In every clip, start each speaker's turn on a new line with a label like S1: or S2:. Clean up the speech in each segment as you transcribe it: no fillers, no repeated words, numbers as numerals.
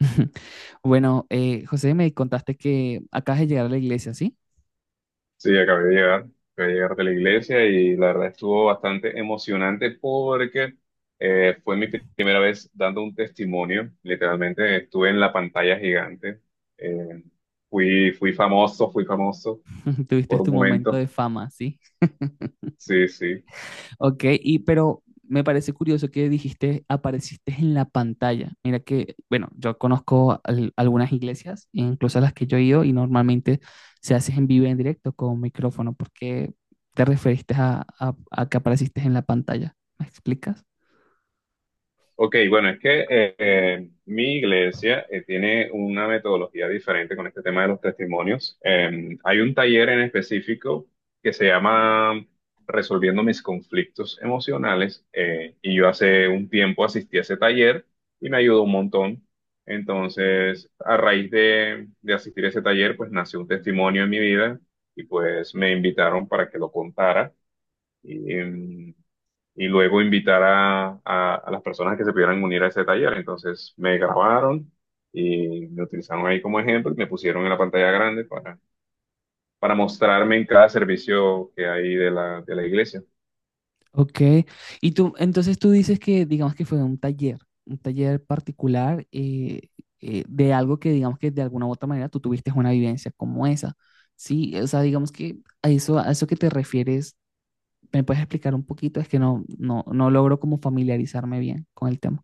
S1: Bueno, José, me contaste que acabas de llegar a la iglesia, ¿sí?
S2: Sí, acabé de llegar de la iglesia y la verdad estuvo bastante emocionante porque fue mi primera vez dando un testimonio. Literalmente estuve en la pantalla gigante. Eh, fui famoso
S1: Tuviste
S2: por un
S1: tu momento
S2: momento.
S1: de fama, ¿sí?
S2: Sí, sí.
S1: Ok, y pero me parece curioso que dijiste, apareciste en la pantalla. Mira que, bueno, yo conozco algunas iglesias, incluso a las que yo he ido, y normalmente se hace en vivo y en directo con micrófono. ¿Por qué te referiste a que apareciste en la pantalla? ¿Me explicas?
S2: Ok, bueno, es que mi iglesia tiene una metodología diferente con este tema de los testimonios. Hay un taller en específico que se llama Resolviendo mis conflictos emocionales y yo hace un tiempo asistí a ese taller y me ayudó un montón. Entonces, a raíz de asistir a ese taller, pues nació un testimonio en mi vida y pues me invitaron para que lo contara. Y, em, y luego invitar a las personas que se pudieran unir a ese taller. Entonces me grabaron y me utilizaron ahí como ejemplo y me pusieron en la pantalla grande para mostrarme en cada servicio que hay de de la iglesia.
S1: Ok, y tú, entonces tú dices que digamos que fue un taller particular de algo que digamos que de alguna u otra manera tú tuviste una vivencia como esa, ¿sí? O sea, digamos que a eso que te refieres, ¿me puedes explicar un poquito? Es que no logro como familiarizarme bien con el tema.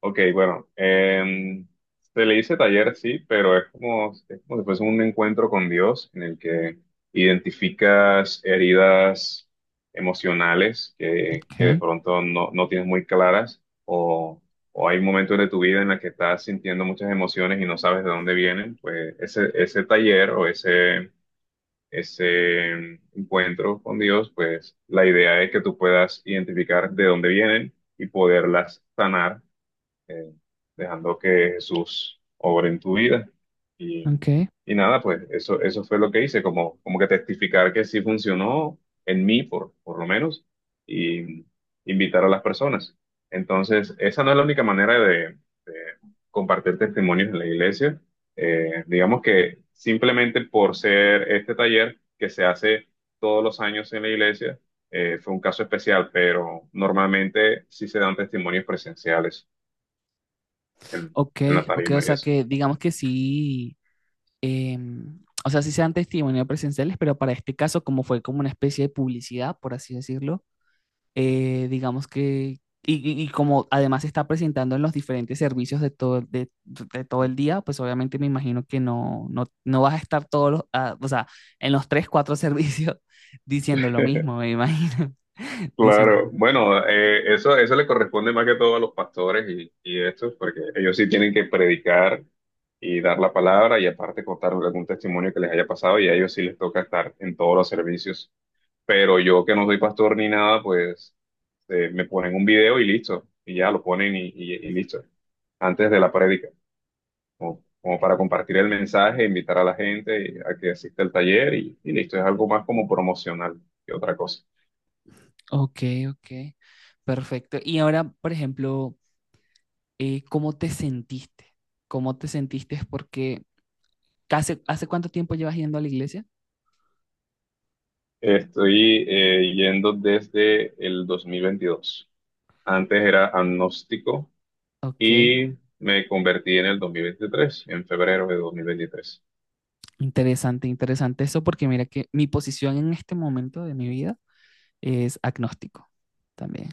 S2: Ok, bueno, se le dice taller, sí, pero es como si fuese un encuentro con Dios en el que identificas heridas emocionales que de
S1: Ok,
S2: pronto no tienes muy claras o hay momentos de tu vida en la que estás sintiendo muchas emociones y no sabes de dónde vienen, pues ese taller o ese encuentro con Dios, pues la idea es que tú puedas identificar de dónde vienen y poderlas sanar eh, dejando que Jesús obre en tu vida. Y,
S1: ok,
S2: y nada, pues eso fue lo que hice, como, como que testificar que sí funcionó en mí, por lo menos, y invitar a las personas. Entonces, esa no es la única manera de compartir testimonios en la iglesia. Digamos que simplemente por ser este taller que se hace todos los años en la iglesia, fue un caso especial, pero normalmente sí se dan testimonios presenciales en,
S1: ok,
S2: en la
S1: ok, o
S2: tarima y
S1: sea
S2: eso.
S1: que digamos que sí, em, o sea, sí sean testimonios presenciales, pero para este caso como fue como una especie de publicidad, por así decirlo, digamos que, y, y como además se está presentando en los diferentes servicios de todo el día, pues obviamente me imagino que no vas a estar todos los, ah, o sea, en los tres, cuatro servicios diciendo lo mismo, me imagino, diciendo,
S2: Claro, bueno, eso, eso le corresponde más que todo a los pastores y estos, porque ellos sí tienen que predicar y dar la palabra y aparte contar algún testimonio que les haya pasado y a ellos sí les toca estar en todos los servicios. Pero yo que no soy pastor ni nada, pues me ponen un video y listo, y ya lo ponen y, y listo, antes de la prédica, como, como para compartir el mensaje, invitar a la gente a que asista al taller y listo, es algo más como promocional que otra cosa.
S1: ok, ok, perfecto. Y ahora, por ejemplo, ¿cómo te sentiste? ¿Cómo te sentiste? Porque, ¿hace, hace cuánto tiempo llevas yendo a la iglesia?
S2: Estoy yendo desde el 2022. Antes era agnóstico
S1: Ok.
S2: y me convertí en el 2023, en febrero de 2023.
S1: Interesante, interesante eso, porque mira que mi posición en este momento de mi vida es agnóstico también.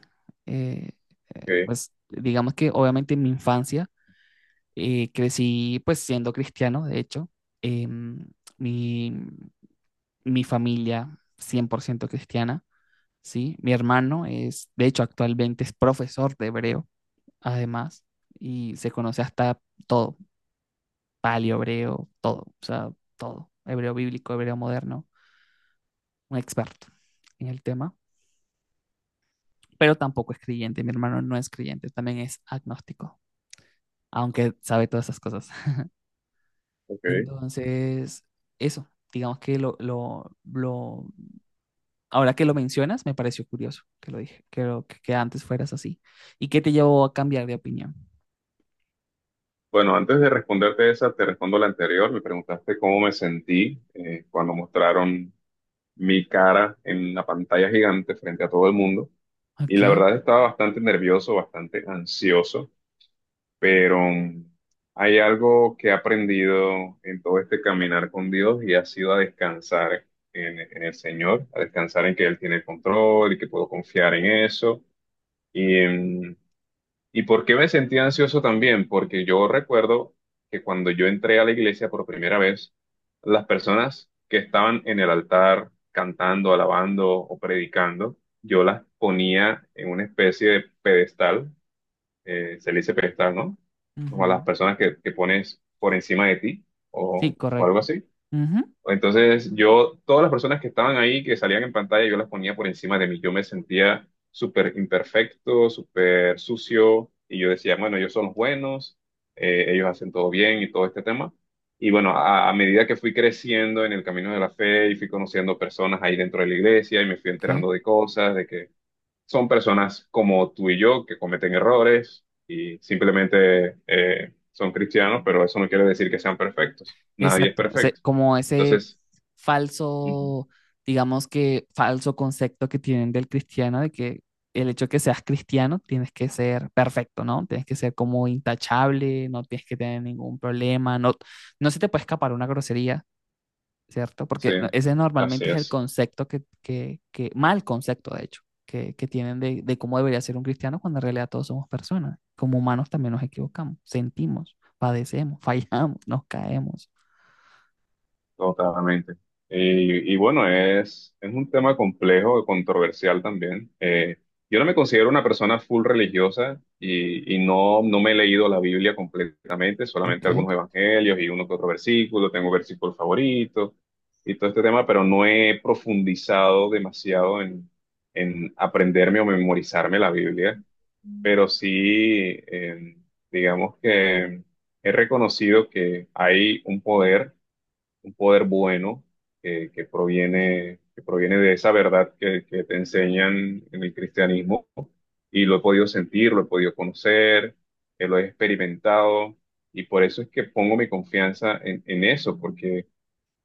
S1: Eh,
S2: Ok,
S1: pues digamos que obviamente en mi infancia, crecí pues siendo cristiano, de hecho, em, mi, mi familia 100% cristiana, ¿sí? Mi hermano es, de hecho, actualmente es profesor de hebreo, además, y se conoce hasta todo, paleo hebreo, todo, o sea, todo, hebreo bíblico, hebreo moderno, un experto en el tema, pero tampoco es creyente. Mi hermano no es creyente, también es agnóstico, aunque sabe todas esas cosas.
S2: ok.
S1: Entonces, eso, digamos que lo, ahora que lo mencionas, me pareció curioso que lo dije, que, que antes fueras así. ¿Y qué te llevó a cambiar de opinión?
S2: Bueno, antes de responderte esa, te respondo la anterior. Me preguntaste cómo me sentí cuando mostraron mi cara en la pantalla gigante frente a todo el mundo. Y la
S1: Ok.
S2: verdad estaba bastante nervioso, bastante ansioso. Pero hay algo que he aprendido en todo este caminar con Dios y ha sido a descansar en el Señor, a descansar en que Él tiene el control y que puedo confiar en eso. Y, em, ¿Y por qué me sentí ansioso también? Porque yo recuerdo que cuando yo entré a la iglesia por primera vez, las personas que estaban en el altar cantando, alabando o predicando, yo las ponía en una especie de pedestal se le dice pedestal, ¿no? Como a las
S1: Ujú.
S2: personas que pones por encima de ti
S1: Sí,
S2: o algo
S1: correcto.
S2: así.
S1: Ujú.
S2: Entonces yo, todas las personas que estaban ahí, que salían en pantalla, yo las ponía por encima de mí. Yo me sentía súper imperfecto, súper sucio y yo decía, bueno, ellos son los buenos, ellos hacen todo bien y todo este tema. Y bueno, a medida que fui creciendo en el camino de la fe y fui conociendo personas ahí dentro de la iglesia y me fui
S1: Ok.
S2: enterando de cosas, de que son personas como tú y yo que cometen errores y simplemente son cristianos, pero eso no quiere decir que sean perfectos. Nadie es
S1: Exacto,
S2: perfecto.
S1: como ese
S2: Entonces, ujú.
S1: falso, digamos que falso concepto que tienen del cristiano, de que el hecho de que seas cristiano tienes que ser perfecto, ¿no? Tienes que ser como intachable, no tienes que tener ningún problema, no, no se te puede escapar una grosería, ¿cierto?
S2: Sí,
S1: Porque ese
S2: así
S1: normalmente es el
S2: es.
S1: concepto que mal concepto, de hecho, que tienen de cómo debería ser un cristiano cuando en realidad todos somos personas. Como humanos también nos equivocamos, sentimos, padecemos, fallamos, nos caemos.
S2: Totalmente. Y bueno, es un tema complejo, controversial también. Yo no me considero una persona full religiosa y no, no me he leído la Biblia completamente, solamente
S1: Ok.
S2: algunos evangelios y uno que otro versículo, tengo versículos favoritos y todo este tema, pero no he profundizado demasiado en aprenderme o memorizarme la Biblia, pero sí, eh, digamos que he reconocido que hay un poder bueno que proviene de esa verdad que te enseñan en el cristianismo y lo he podido sentir, lo he podido conocer, lo he experimentado y por eso es que pongo mi confianza en eso, porque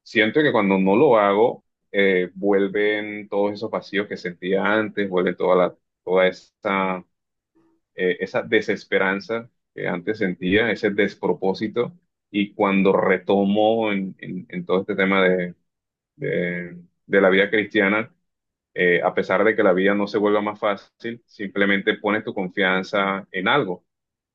S2: siento que cuando no lo hago, vuelven todos esos vacíos que sentía antes, vuelve toda la, toda esa, esa desesperanza que antes sentía, ese despropósito. Y cuando retomo en, en todo este tema de, de la vida cristiana a pesar de que la vida no se vuelva más fácil, simplemente pones tu confianza en algo,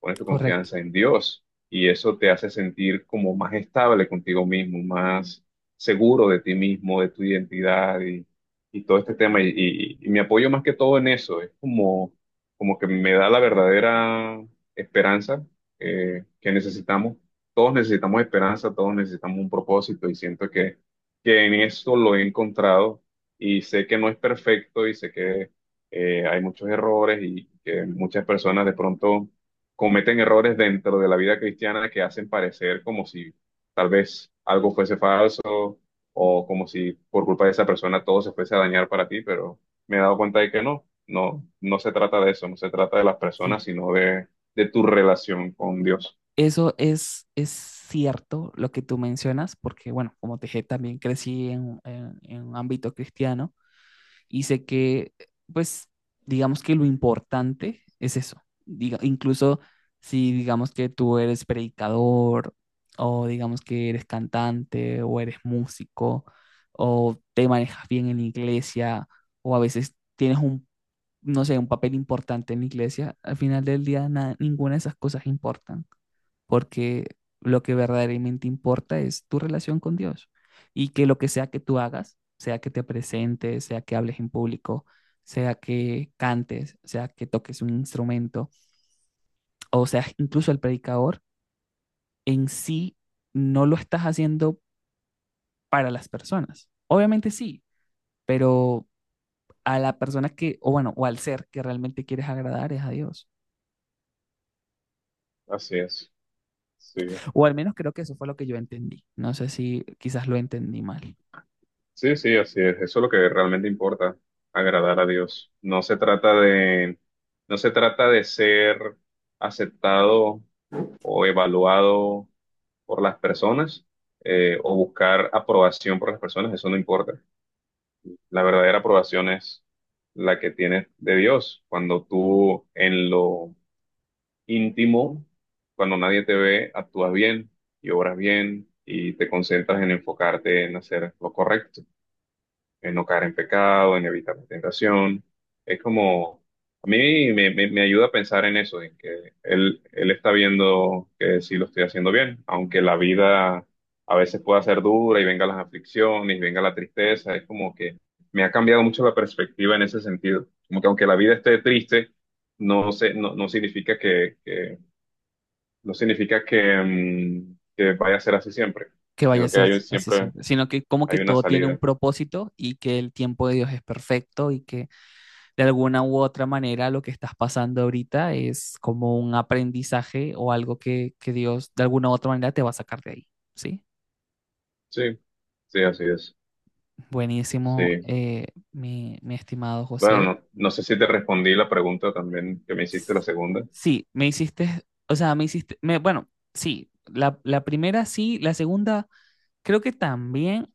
S2: pones tu
S1: Correcto,
S2: confianza en Dios y eso te hace sentir como más estable contigo mismo, más seguro de ti mismo, de tu identidad y todo este tema. Y, y me apoyo más que todo en eso, es como, como que me da la verdadera esperanza que necesitamos. Todos necesitamos esperanza, todos necesitamos un propósito y siento que en eso lo he encontrado y sé que no es perfecto y sé que hay muchos errores y que muchas personas de pronto cometen errores dentro de la vida cristiana que hacen parecer como si tal vez algo fuese falso o como si por culpa de esa persona todo se fuese a dañar para ti, pero me he dado cuenta de que no, no, no se trata de eso, no se trata de las
S1: sí.
S2: personas, sino de tu relación con Dios.
S1: Eso es cierto lo que tú mencionas, porque bueno, como te dije, también crecí en, en un ámbito cristiano y sé que, pues, digamos que lo importante es eso. Diga, incluso si digamos que tú eres predicador o digamos que eres cantante o eres músico o te manejas bien en la iglesia o a veces tienes un no sé, un papel importante en la iglesia, al final del día ninguna de esas cosas importan, porque lo que verdaderamente importa es tu relación con Dios y que lo que sea que tú hagas, sea que te presentes, sea que hables en público, sea que cantes, sea que toques un instrumento, o sea, incluso el predicador, en sí no lo estás haciendo para las personas. Obviamente sí, pero a la persona que, o bueno, o al ser que realmente quieres agradar es a Dios.
S2: Así es. Sí.
S1: O al menos creo que eso fue lo que yo entendí. No sé si quizás lo entendí mal,
S2: Sí, sí, así es. Eso es lo que realmente importa, agradar a Dios. No se trata de, no se trata de ser aceptado o evaluado por las personas o buscar aprobación por las personas. Eso no importa. La verdadera aprobación es la que tienes de Dios. Cuando tú en lo íntimo, cuando nadie te ve, actúas bien y obras bien y te concentras en enfocarte en hacer lo correcto en no caer en pecado, en evitar la tentación. Es como, a mí me, me ayuda a pensar en eso, en que él está viendo que sí lo estoy haciendo bien, aunque la vida a veces pueda ser dura y venga las aflicciones, venga la tristeza, es como que me ha cambiado mucho la perspectiva en ese sentido. Como que aunque la vida esté triste, no sé, no, no significa no significa que, que vaya a ser así siempre,
S1: que vaya a
S2: sino que
S1: ser
S2: hay
S1: si, así
S2: siempre
S1: siempre, sino que como que
S2: hay una
S1: todo tiene un
S2: salida.
S1: propósito y que el tiempo de Dios es perfecto y que de alguna u otra manera lo que estás pasando ahorita es como un aprendizaje o algo que Dios de alguna u otra manera te va a sacar de ahí, ¿sí?
S2: Sí, sí, así es.
S1: Buenísimo,
S2: Sí.
S1: mi, mi estimado
S2: Bueno,
S1: José.
S2: no, no sé si te respondí la pregunta también que me hiciste, la segunda.
S1: Sí, me hiciste, o sea, me hiciste, me, bueno, sí, la primera sí, la segunda creo que también,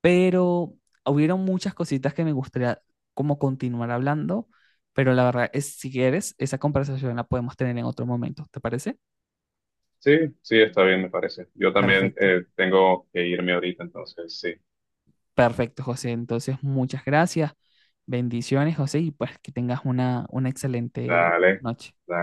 S1: pero hubieron muchas cositas que me gustaría como continuar hablando, pero la verdad es, si quieres, esa conversación la podemos tener en otro momento, ¿te parece?
S2: Sí, sí, está bien, me parece. Yo también
S1: Perfecto,
S2: tengo que irme ahorita, entonces sí.
S1: perfecto, José. Entonces, muchas gracias, bendiciones, José, y pues que tengas una excelente
S2: Dale,
S1: noche.
S2: dale.